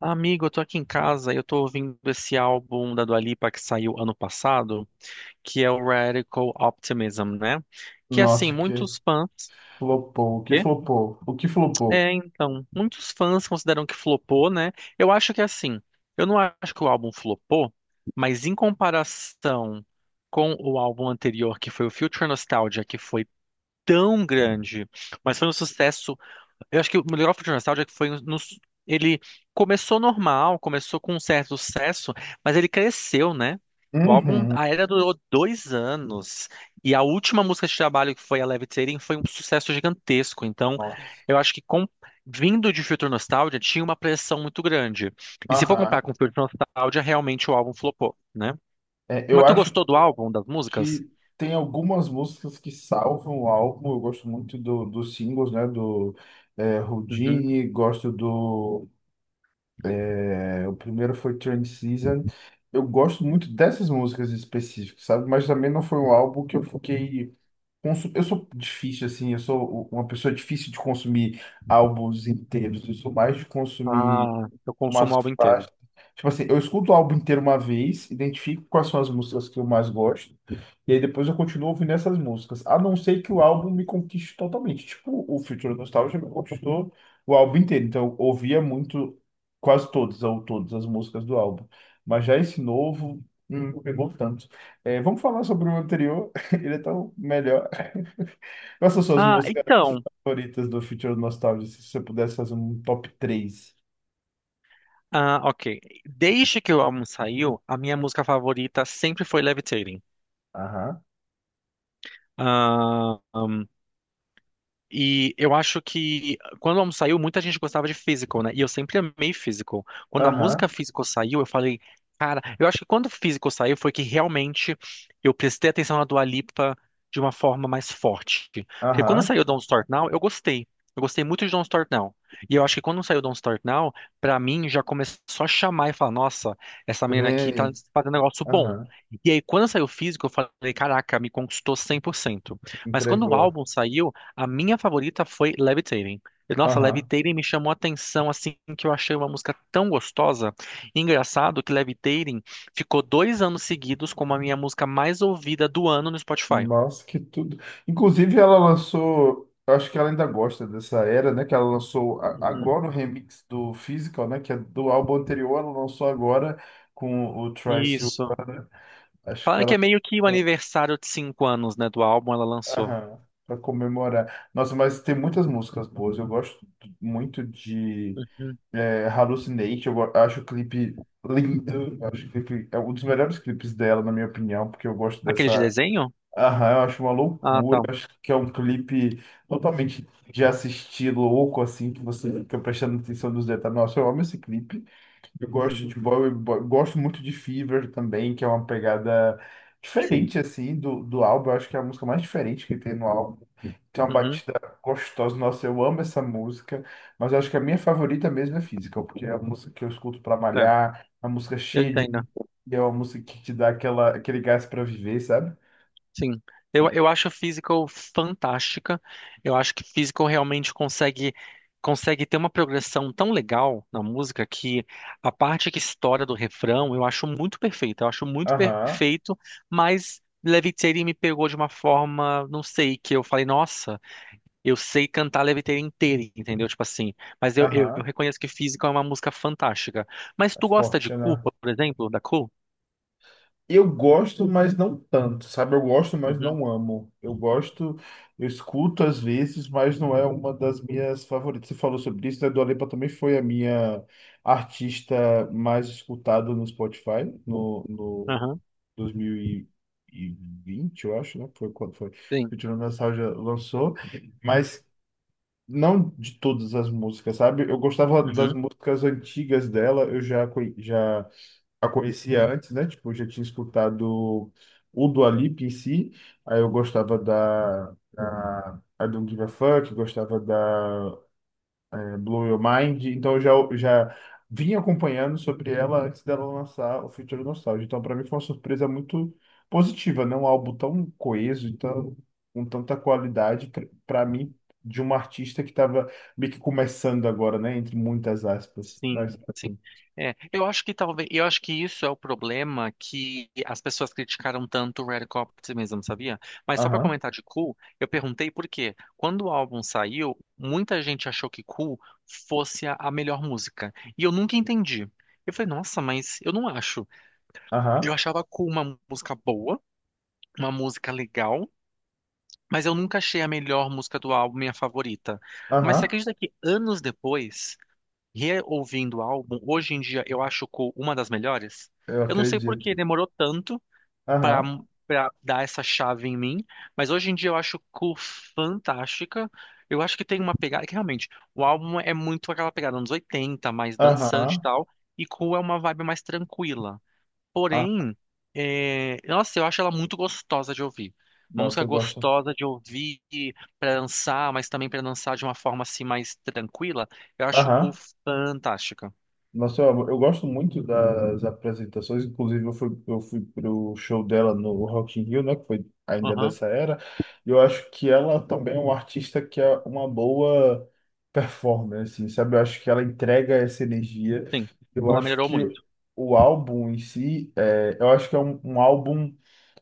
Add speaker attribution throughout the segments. Speaker 1: Amigo, eu tô aqui em casa e eu tô ouvindo esse álbum da Dua Lipa que saiu ano passado, que é o Radical Optimism, né? Que assim,
Speaker 2: Nossa, que
Speaker 1: muitos fãs.
Speaker 2: flopou, o que
Speaker 1: Quê?
Speaker 2: flopou, o que flopou.
Speaker 1: É, então, muitos fãs consideram que flopou, né? Eu acho que assim, eu não acho que o álbum flopou, mas em comparação com o álbum anterior, que foi o Future Nostalgia, que foi tão grande, mas foi um sucesso. Eu acho que o Melhor Future Nostalgia é que foi ele começou normal, começou com um certo sucesso, mas ele cresceu, né? O álbum,
Speaker 2: Uhum.
Speaker 1: a era durou 2 anos e a última música de trabalho, que foi a Levitating, foi um sucesso gigantesco. Então,
Speaker 2: Nossa.
Speaker 1: eu acho que vindo de Future Nostalgia tinha uma pressão muito grande. E se for
Speaker 2: Aham.
Speaker 1: comparar com Future Nostalgia, realmente o álbum flopou, né?
Speaker 2: É, eu
Speaker 1: Mas tu
Speaker 2: acho
Speaker 1: gostou do álbum, das músicas?
Speaker 2: que tem algumas músicas que salvam o álbum. Eu gosto muito dos singles, né? Do
Speaker 1: Uhum.
Speaker 2: Houdini, gosto do. O primeiro foi Train Season. Eu gosto muito dessas músicas específicas, sabe? Mas também não foi um álbum que eu fiquei. Eu sou difícil, assim, eu sou uma pessoa difícil de consumir álbuns inteiros. Eu sou mais de consumir
Speaker 1: Ah, eu consumo
Speaker 2: umas
Speaker 1: o álbum inteiro.
Speaker 2: faixas. Tipo assim, eu escuto o álbum inteiro uma vez, identifico quais são as músicas que eu mais gosto, e aí depois eu continuo ouvindo essas músicas, a não ser que o álbum me conquiste totalmente. Tipo, o Future Nostalgia me conquistou o álbum inteiro, então eu ouvia muito, quase todas ou todas as músicas do álbum. Mas já esse novo, não pegou tanto. É, vamos falar sobre o anterior, ele é tão melhor. Quais são suas
Speaker 1: Ah,
Speaker 2: músicas
Speaker 1: então.
Speaker 2: favoritas do Future Nostalgia, se você pudesse fazer um top três?
Speaker 1: Ah, ok. Desde que o álbum saiu, a minha música favorita sempre foi Levitating.
Speaker 2: Aham,
Speaker 1: Ah, e eu acho que quando o álbum saiu, muita gente gostava de physical, né? E eu sempre amei physical. Quando a
Speaker 2: aham,
Speaker 1: música physical saiu, eu falei, cara, eu acho que quando o physical saiu foi que realmente eu prestei atenção na Dua Lipa de uma forma mais forte. Porque quando
Speaker 2: aham.
Speaker 1: saiu Don't Start Now, eu gostei. Eu gostei muito de Don't Start Now. E eu acho que quando saiu Don't Start Now, pra mim já começou a chamar e falar, nossa, essa menina aqui tá
Speaker 2: Vem,
Speaker 1: fazendo um negócio bom.
Speaker 2: aham,
Speaker 1: E aí, quando saiu physical eu falei, caraca, me conquistou 100%. Mas quando o
Speaker 2: entregou.
Speaker 1: álbum saiu, a minha favorita foi Levitating. E, nossa,
Speaker 2: Aham.
Speaker 1: Levitating me chamou a atenção, assim, que eu achei uma música tão gostosa. E engraçado que Levitating ficou 2 anos seguidos como a minha música mais ouvida do ano no Spotify.
Speaker 2: Nossa, que tudo. Inclusive, ela lançou, eu acho que ela ainda gosta dessa era, né? Que ela lançou
Speaker 1: Uhum.
Speaker 2: agora o remix do Physical, né? Que é do álbum anterior, ela lançou agora com o Trice.
Speaker 1: Isso.
Speaker 2: Acho que
Speaker 1: Falando que
Speaker 2: ela.
Speaker 1: é meio que o aniversário de 5 anos, né, do álbum ela lançou.
Speaker 2: Aham, pra comemorar. Nossa, mas tem muitas músicas boas. Eu gosto muito de
Speaker 1: Uhum.
Speaker 2: Hallucinate. Acho o clipe lindo. Eu acho que o clipe é um dos melhores clipes dela, na minha opinião, porque eu gosto
Speaker 1: Aquele de
Speaker 2: dessa.
Speaker 1: desenho?
Speaker 2: Aham, eu acho uma
Speaker 1: Ah,
Speaker 2: loucura.
Speaker 1: tá.
Speaker 2: Eu acho que é um clipe totalmente de assistir louco, assim, que você fica prestando atenção nos detalhes. Nossa, eu amo esse clipe. Eu gosto
Speaker 1: Uhum.
Speaker 2: de Boy, gosto muito de Fever também, que é uma pegada
Speaker 1: Sim.
Speaker 2: diferente, assim, do, álbum. Eu acho que é a música mais diferente que tem no álbum. Tem uma
Speaker 1: Uhum.
Speaker 2: batida gostosa. Nossa, eu amo essa música, mas eu acho que a minha favorita mesmo é Physical, porque é a música que eu escuto para
Speaker 1: É,
Speaker 2: malhar, é uma música
Speaker 1: eu
Speaker 2: cheia de
Speaker 1: entendo.
Speaker 2: energia. É uma música que te dá aquela, aquele gás para viver, sabe?
Speaker 1: Sim, eu acho a Physical fantástica. Eu acho que Physical realmente consegue ter uma progressão tão legal na música, que a parte que estoura do refrão eu acho muito perfeita. Eu acho muito
Speaker 2: Aham.
Speaker 1: perfeito, mas Levitating me pegou de uma forma, não sei, que eu falei, nossa, eu sei cantar Levitating inteiro, entendeu? Tipo assim, mas eu
Speaker 2: Aham,
Speaker 1: reconheço que Physical é uma música fantástica. Mas
Speaker 2: é
Speaker 1: tu gosta de
Speaker 2: forte, né?
Speaker 1: Culpa, por exemplo, da Cool?
Speaker 2: Eu gosto, mas não tanto, sabe? Eu gosto, mas
Speaker 1: Uhum,
Speaker 2: não amo. Eu gosto, eu escuto às vezes, mas não é uma das minhas favoritas. Você falou sobre isso, né? Dua Lipa também foi a minha artista mais escutada no Spotify no,
Speaker 1: aham,
Speaker 2: 2020, eu acho, né? Foi quando foi.
Speaker 1: sim.
Speaker 2: Futura Nostalgia lançou, mas não de todas as músicas, sabe? Eu gostava das
Speaker 1: Uhum.
Speaker 2: músicas antigas dela, já a conhecia antes, né? Tipo, eu já tinha escutado o Dua Lipa em si, aí eu gostava da I Don't Give a Fuck, gostava da Blow Your Mind, então eu já vinha acompanhando sobre ela antes dela lançar o Future Nostalgia, então para mim foi uma surpresa muito positiva, né? Um álbum tão coeso, então com tanta qualidade para mim de uma artista que estava meio que começando agora, né? Entre muitas aspas, mas
Speaker 1: Sim, sim. É, eu acho que talvez, eu acho que isso é o problema, que as pessoas criticaram tanto o Radical Optimism, sabia? Mas só pra
Speaker 2: aham,
Speaker 1: comentar de Cool, eu perguntei por quê. Quando o álbum saiu, muita gente achou que Cool fosse a melhor música, e eu nunca entendi. Eu falei, nossa, mas eu não acho.
Speaker 2: aham,
Speaker 1: Eu achava Cool uma música boa, uma música legal, mas eu nunca achei a melhor música do álbum, minha favorita. Mas você
Speaker 2: aham.
Speaker 1: acredita que anos depois, reouvindo o álbum, hoje em dia eu acho Cool uma das melhores.
Speaker 2: Eu
Speaker 1: Eu não sei por que
Speaker 2: acredito.
Speaker 1: demorou tanto pra
Speaker 2: Aham,
Speaker 1: para dar essa chave em mim, mas hoje em dia eu acho Cool fantástica. Eu acho que tem uma pegada que realmente o álbum é muito aquela pegada anos 80, mais dançante e
Speaker 2: aham.
Speaker 1: tal, e Cool é uma vibe mais tranquila.
Speaker 2: Ah,
Speaker 1: Porém, é, nossa, eu acho ela muito gostosa de ouvir. Uma
Speaker 2: nossa,
Speaker 1: música
Speaker 2: eu gosto.
Speaker 1: gostosa de ouvir para dançar, mas também para dançar de uma forma assim mais tranquila. Eu acho Cu
Speaker 2: Aham,
Speaker 1: fantástica.
Speaker 2: nossa, eu gosto muito das apresentações. Inclusive, eu fui pro show dela no Rock in Rio, né? Que foi ainda
Speaker 1: Aham,
Speaker 2: dessa era. E eu acho que ela também é uma artista que é uma boa performance, assim, sabe? Eu acho que ela entrega essa energia.
Speaker 1: sim.
Speaker 2: Eu
Speaker 1: Ela
Speaker 2: acho
Speaker 1: melhorou
Speaker 2: que
Speaker 1: muito.
Speaker 2: o álbum em si, eu acho que é um álbum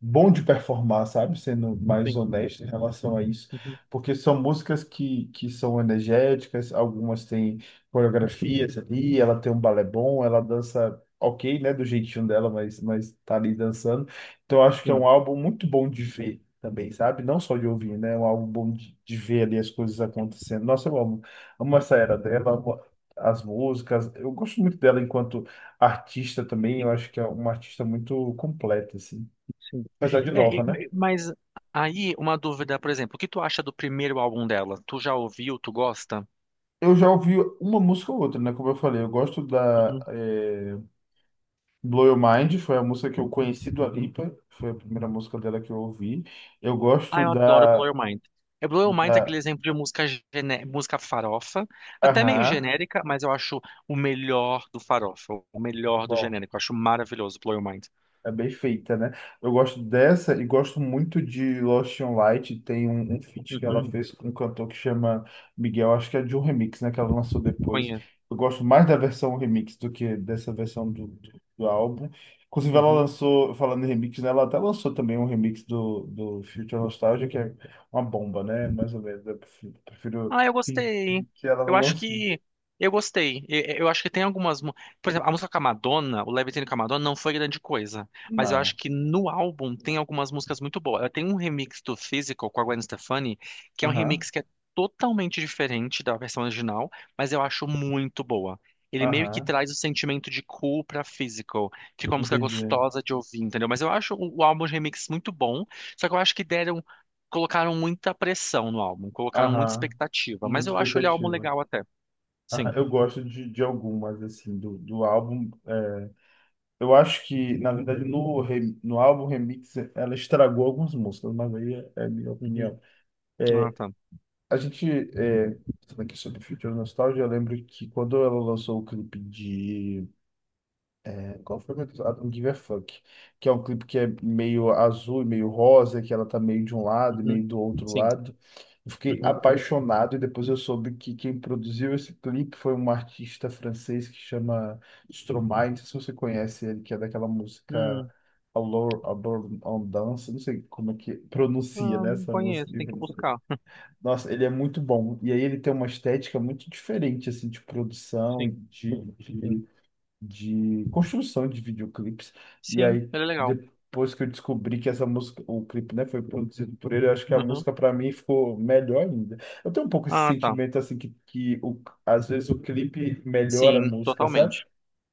Speaker 2: bom de performar, sabe? Sendo mais
Speaker 1: Sim,
Speaker 2: honesto em relação a isso.
Speaker 1: uhum,
Speaker 2: Porque são músicas que são energéticas, algumas têm coreografias ali, ela tem um balé bom, ela dança ok, né? Do jeitinho dela, mas tá ali dançando. Então eu acho que é um
Speaker 1: sim,
Speaker 2: álbum muito bom de ver também, sabe? Não só de ouvir, né? É um álbum bom de, ver ali as coisas acontecendo. Nossa, eu amo, amo essa era dela, amo as músicas. Eu gosto muito dela enquanto artista também, eu
Speaker 1: sim,
Speaker 2: acho que é uma artista muito completa, assim.
Speaker 1: sim.
Speaker 2: Apesar de
Speaker 1: É,
Speaker 2: nova, né?
Speaker 1: mas aí uma dúvida, por exemplo, o que tu acha do primeiro álbum dela? Tu já ouviu? Tu gosta?
Speaker 2: Eu já ouvi uma música ou outra, né? Como eu falei, eu gosto da Blow Your Mind, foi a música que eu conheci do Alipa, foi a primeira música dela que eu ouvi. Eu
Speaker 1: Ah,
Speaker 2: gosto
Speaker 1: eu adoro Blow
Speaker 2: da,
Speaker 1: Your Mind. É, Blow Your Mind é aquele
Speaker 2: da
Speaker 1: exemplo de música, música farofa, até meio
Speaker 2: Aham,
Speaker 1: genérica, mas eu acho o melhor do farofa, o melhor do
Speaker 2: bom.
Speaker 1: genérico. Eu acho maravilhoso Blow Your Mind.
Speaker 2: É bem feita, né? Eu gosto dessa e gosto muito de Lost on Light. Tem um feat que ela
Speaker 1: Uhum,
Speaker 2: fez com um cantor que chama Miguel, acho que é de um remix, né? Que ela lançou depois.
Speaker 1: conheço.
Speaker 2: Eu gosto mais da versão remix do que dessa versão do, álbum. Inclusive, ela
Speaker 1: Uhum.
Speaker 2: lançou, falando em remix, né? Ela até lançou também um remix do Future Nostalgia, que é uma bomba, né? Mais ou menos. Eu prefiro
Speaker 1: Ah, eu
Speaker 2: que
Speaker 1: gostei.
Speaker 2: que ela
Speaker 1: Eu
Speaker 2: não
Speaker 1: acho
Speaker 2: lance.
Speaker 1: que eu gostei. Eu acho que tem algumas, por exemplo, a música com a Madonna, o Levitating com a Madonna não foi grande coisa, mas eu acho
Speaker 2: Não.
Speaker 1: que no álbum tem algumas músicas muito boas. Ela tem um remix do Physical com a Gwen Stefani, que é um
Speaker 2: Aham,
Speaker 1: remix que é totalmente diferente da versão original, mas eu acho muito boa. Ele meio que
Speaker 2: aham,
Speaker 1: traz o sentimento de cool pra Physical. Fica uma música
Speaker 2: entendi.
Speaker 1: gostosa de ouvir, entendeu? Mas eu acho o álbum de remix muito bom, só que eu acho que deram colocaram muita pressão no álbum, colocaram muita
Speaker 2: Aham,
Speaker 1: expectativa, mas
Speaker 2: muita
Speaker 1: eu acho ele álbum
Speaker 2: expectativa.
Speaker 1: legal até.
Speaker 2: Ah,
Speaker 1: Sim.
Speaker 2: eu gosto de, algumas, assim, do álbum. Eu acho que, na verdade, no álbum Remix, ela estragou algumas músicas, mas aí é minha
Speaker 1: Uhum.
Speaker 2: opinião.
Speaker 1: Ah,
Speaker 2: É,
Speaker 1: tá.
Speaker 2: a gente, falando aqui sobre Future Nostalgia, eu lembro que quando ela lançou o clipe, qual foi, meu Deus? I Don't Give a Fuck. Que é um clipe que é meio azul e meio rosa, que ela tá meio de um lado e
Speaker 1: Uhum.
Speaker 2: meio do outro
Speaker 1: Sim.
Speaker 2: lado. Eu fiquei
Speaker 1: Uhum.
Speaker 2: apaixonado e depois eu soube que quem produziu esse clipe foi um artista francês que chama Stromae. Não sei se você conhece ele, que é daquela música
Speaker 1: Hum.
Speaker 2: Allure Allure on Dance. Não sei como é que pronuncia,
Speaker 1: Ah,
Speaker 2: né,
Speaker 1: não
Speaker 2: essa música.
Speaker 1: conheço, tem que buscar.
Speaker 2: Nossa, ele é muito bom. E aí ele tem uma estética muito diferente, assim, de produção e
Speaker 1: Sim, sim.
Speaker 2: de construção de videoclipes. E
Speaker 1: Sim,
Speaker 2: aí,
Speaker 1: ele é legal.
Speaker 2: depois que eu descobri que essa música, o clipe, né, foi produzido por ele, eu acho que a
Speaker 1: Uhum.
Speaker 2: música para mim ficou melhor ainda. Eu tenho um pouco esse
Speaker 1: Ah, tá.
Speaker 2: sentimento assim que às vezes o clipe melhora a
Speaker 1: Sim,
Speaker 2: música, sabe?
Speaker 1: totalmente.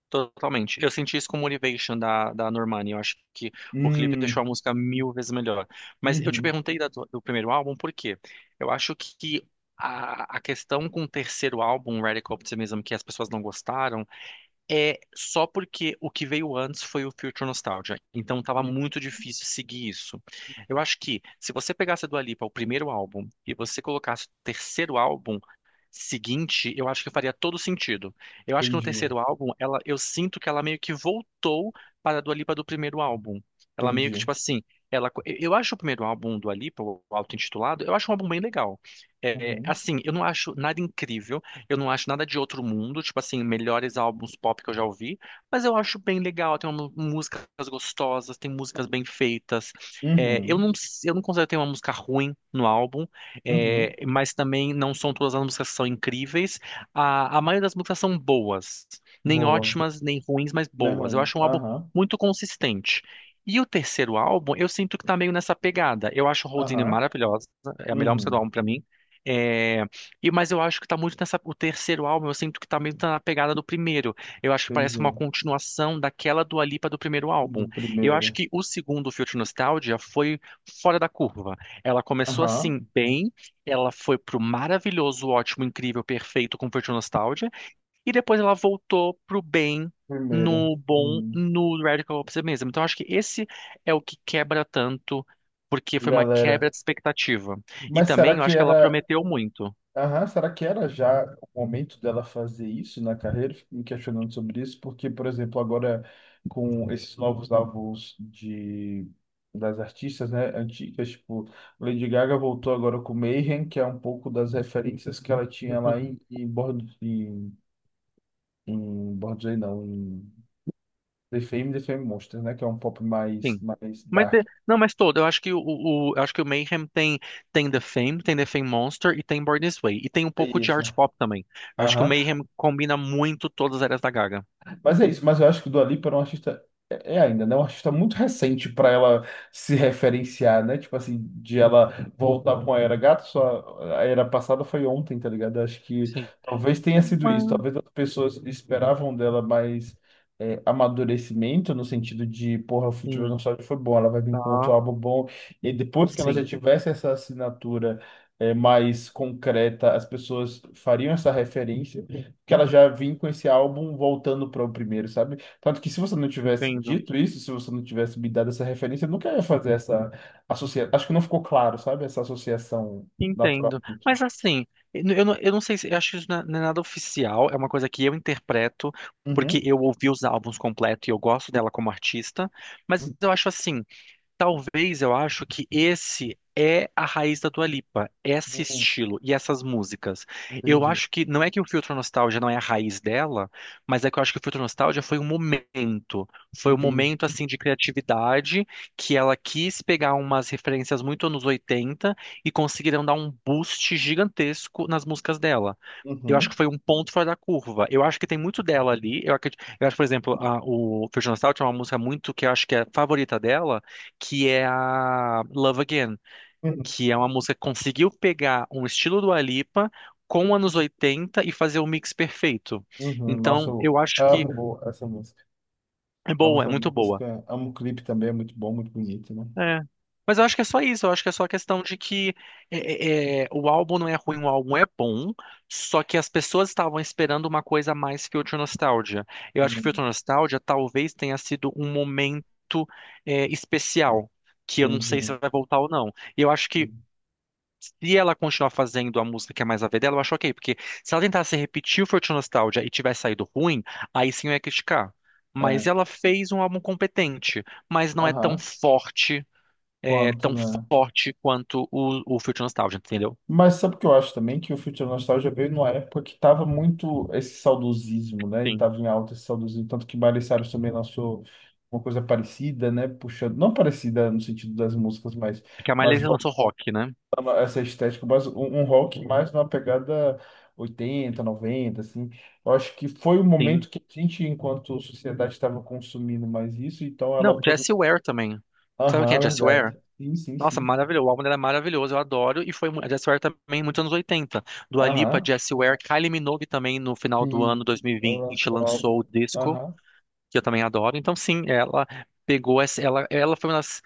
Speaker 1: Totalmente. Eu senti isso com Motivation da Normani. Eu acho que o clipe deixou a
Speaker 2: Hum.
Speaker 1: música mil vezes melhor. Mas eu te
Speaker 2: Uhum.
Speaker 1: perguntei da do primeiro álbum por quê? Eu acho que a questão com o terceiro álbum, Radical Optimism, que as pessoas não gostaram, é só porque o que veio antes foi o Future Nostalgia. Então tava
Speaker 2: Hum,
Speaker 1: muito difícil seguir isso. Eu acho que se você pegasse a Dua Lipa, o primeiro álbum, e você colocasse o terceiro álbum seguinte, eu acho que faria todo sentido. Eu acho que no
Speaker 2: entendi,
Speaker 1: terceiro álbum, ela, eu sinto que ela meio que voltou para a Dua Lipa do primeiro álbum. Ela meio que,
Speaker 2: entendi.
Speaker 1: tipo assim, ela, eu acho o primeiro álbum do Dua Lipa, o auto-intitulado, eu acho um álbum bem legal. É,
Speaker 2: Uhum,
Speaker 1: assim, eu não acho nada incrível. Eu não acho nada de outro mundo, tipo assim, melhores álbuns pop que eu já ouvi, mas eu acho bem legal, tem uma, músicas gostosas, tem músicas bem feitas. É, eu
Speaker 2: uhum,
Speaker 1: não, eu não considero ter uma música ruim no álbum,
Speaker 2: uhum.
Speaker 1: é, mas também não são todas as músicas que são incríveis. a, maioria das músicas são boas, nem
Speaker 2: Boa,
Speaker 1: ótimas, nem ruins, mas
Speaker 2: né,
Speaker 1: boas. Eu
Speaker 2: Ruiz?
Speaker 1: acho um álbum
Speaker 2: Aham,
Speaker 1: muito consistente. E o terceiro álbum, eu sinto que tá meio nessa pegada. Eu acho Houdini
Speaker 2: aham,
Speaker 1: maravilhosa, é a melhor música do
Speaker 2: uhum,
Speaker 1: álbum pra mim. É, e, mas eu acho que tá muito nessa. O terceiro álbum, eu sinto que tá meio tá na pegada do primeiro. Eu acho que parece uma
Speaker 2: entendi.
Speaker 1: continuação daquela Dua Lipa do primeiro
Speaker 2: Do
Speaker 1: álbum. Eu
Speaker 2: primeiro.
Speaker 1: acho que o segundo, Future Nostalgia, foi fora da curva. Ela começou
Speaker 2: Aham,
Speaker 1: assim, bem, ela foi pro maravilhoso, ótimo, incrível, perfeito com Future Nostalgia, e depois ela voltou pro bem.
Speaker 2: primeiro.
Speaker 1: No bom,
Speaker 2: Hum.
Speaker 1: no Radical Optimism. Então, eu acho que esse é o que quebra tanto, porque foi uma
Speaker 2: Galera.
Speaker 1: quebra de expectativa. E
Speaker 2: Mas será
Speaker 1: também, eu
Speaker 2: que
Speaker 1: acho que ela
Speaker 2: era.
Speaker 1: prometeu muito.
Speaker 2: Aham, será que era já o momento dela fazer isso na carreira? Fico me questionando sobre isso, porque, por exemplo, agora com esses novos álbuns das artistas, né, antigas, tipo, Lady Gaga voltou agora com Mayhem, que é um pouco das referências que ela tinha lá em, Born, em Born This não, em The Fame, The Fame Monsters, né, que é um pop mais,
Speaker 1: Sim.
Speaker 2: mais
Speaker 1: Mas
Speaker 2: dark.
Speaker 1: não, mas todo. Eu acho que eu acho que o Mayhem tem tem The Fame Monster e tem Born This Way e tem um
Speaker 2: É
Speaker 1: pouco de
Speaker 2: isso.
Speaker 1: art pop também. Eu acho que o
Speaker 2: Aham.
Speaker 1: Mayhem combina muito todas as áreas da Gaga.
Speaker 2: Mas é isso, mas eu acho que o Dua Lipa era um artista. É ainda, né? Um artista muito recente para ela se referenciar, né? Tipo assim, de ela voltar com a era gato, só a era passada foi ontem, tá ligado? Acho que
Speaker 1: Sim.
Speaker 2: talvez tenha sido isso. Talvez as pessoas esperavam dela mais amadurecimento, no sentido de, porra, o Futebol
Speaker 1: Hum,
Speaker 2: Nostálgico foi bom, ela vai vir com outro
Speaker 1: tá.
Speaker 2: álbum bom. E aí, depois que ela já
Speaker 1: Sim.
Speaker 2: tivesse essa assinatura mais concreta, as pessoas fariam essa referência que ela já vinha com esse álbum voltando para o primeiro, sabe? Tanto que se você não tivesse
Speaker 1: Entendo.
Speaker 2: dito isso, se você não tivesse me dado essa referência, eu nunca ia fazer essa associação. Acho que não ficou claro, sabe? Essa associação
Speaker 1: Entendo.
Speaker 2: naturalmente.
Speaker 1: Mas assim, eu não sei, se eu acho que isso não é nada oficial, é uma coisa que eu interpreto porque
Speaker 2: Uhum.
Speaker 1: eu ouvi os álbuns completos e eu gosto dela como artista, mas eu acho assim, talvez eu acho que esse é a raiz da Dua Lipa, esse
Speaker 2: Uhum.
Speaker 1: estilo e essas músicas. Eu
Speaker 2: Entendi.
Speaker 1: acho que não é que o Filtro Nostalgia não é a raiz dela, mas é que eu acho que o Filtro Nostalgia foi um
Speaker 2: Entendi.
Speaker 1: momento assim de criatividade que ela quis pegar umas referências muito anos 80 e conseguiram dar um boost gigantesco nas músicas dela. Eu acho
Speaker 2: Uhum.
Speaker 1: que foi um ponto fora da curva. Eu acho que tem muito dela ali. Eu acredito, eu acho, por exemplo, a, o Filtro Nostalgia é uma música muito que eu acho que é a favorita dela, que é a Love Again,
Speaker 2: Uhum.
Speaker 1: que é uma música que conseguiu pegar um estilo do Alipa com anos 80 e fazer um mix perfeito.
Speaker 2: Uhum. Nossa,
Speaker 1: Então,
Speaker 2: eu
Speaker 1: eu acho que
Speaker 2: amo essa música.
Speaker 1: é
Speaker 2: Amo
Speaker 1: boa, é
Speaker 2: essa
Speaker 1: muito boa.
Speaker 2: música. Amo o clipe também, é muito bom, muito bonito, né?
Speaker 1: É. Mas eu acho que é só isso, eu acho que é só a questão de que o álbum não é ruim, o álbum é bom, só que as pessoas estavam esperando uma coisa a mais que Future Nostalgia. Eu acho que
Speaker 2: Uhum.
Speaker 1: Future Nostalgia talvez tenha sido um momento é, especial, que eu não sei se
Speaker 2: Entendi.
Speaker 1: vai voltar ou não. E eu acho que
Speaker 2: Uhum.
Speaker 1: se ela continuar fazendo a música que é mais a ver dela, eu acho ok, porque se ela tentasse repetir o Forte Nostalgia e tivesse saído ruim, aí sim eu ia criticar. Mas
Speaker 2: É.
Speaker 1: ela fez um álbum competente, mas não é tão
Speaker 2: Aham.
Speaker 1: forte, é,
Speaker 2: Quanto,
Speaker 1: tão
Speaker 2: né?
Speaker 1: forte quanto o Forte Nostalgia, entendeu?
Speaker 2: Mas sabe o que eu acho também? Que o Future Nostalgia veio numa época que estava muito esse saudosismo, né? E
Speaker 1: Sim.
Speaker 2: estava em alta esse saudosismo. Tanto que Miley Cyrus também lançou uma coisa parecida, né? Puxando, não parecida no sentido das músicas, mas,
Speaker 1: Porque a Miley
Speaker 2: mas voltando
Speaker 1: lançou rock, né?
Speaker 2: a essa estética, mas um rock mais numa pegada 80 90, assim. Eu acho que foi o
Speaker 1: Sim.
Speaker 2: momento que a gente, enquanto sociedade, estava consumindo mais isso, então ela
Speaker 1: Não,
Speaker 2: aproveitou.
Speaker 1: Jessie Ware também. Sabe quem
Speaker 2: Aham,
Speaker 1: é Jessie Ware?
Speaker 2: verdade. Sim, sim,
Speaker 1: Nossa,
Speaker 2: sim.
Speaker 1: maravilhoso. O álbum era maravilhoso, eu adoro. E foi mu- a Jessie Ware também, muitos anos 80. Dua Lipa,
Speaker 2: Aham.
Speaker 1: Jessie Ware, Kylie Minogue também, no final do ano
Speaker 2: Sim, ela
Speaker 1: 2020,
Speaker 2: lançou o álbum.
Speaker 1: lançou o disco,
Speaker 2: Aham.
Speaker 1: que eu também adoro. Então, sim, ela pegou essa. Ela foi uma das.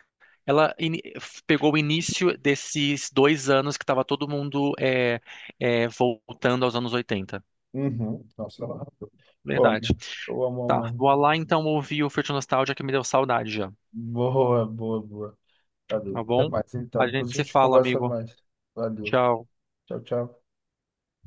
Speaker 1: Ela ini- f- pegou o início desses 2 anos que estava todo mundo é, é, voltando aos anos 80.
Speaker 2: Uhum. Nossa, eu amo. Eu
Speaker 1: Verdade.
Speaker 2: amo, eu amo, amo,
Speaker 1: Tá, vou
Speaker 2: amo.
Speaker 1: lá então ouvir o Future Nostalgia que me deu saudade já,
Speaker 2: Boa, boa, boa.
Speaker 1: tá
Speaker 2: Valeu. Até
Speaker 1: bom?
Speaker 2: mais, então.
Speaker 1: A
Speaker 2: Depois a
Speaker 1: gente se
Speaker 2: gente
Speaker 1: fala,
Speaker 2: conversa
Speaker 1: amigo.
Speaker 2: mais. Valeu.
Speaker 1: Tchau.
Speaker 2: Tchau, tchau.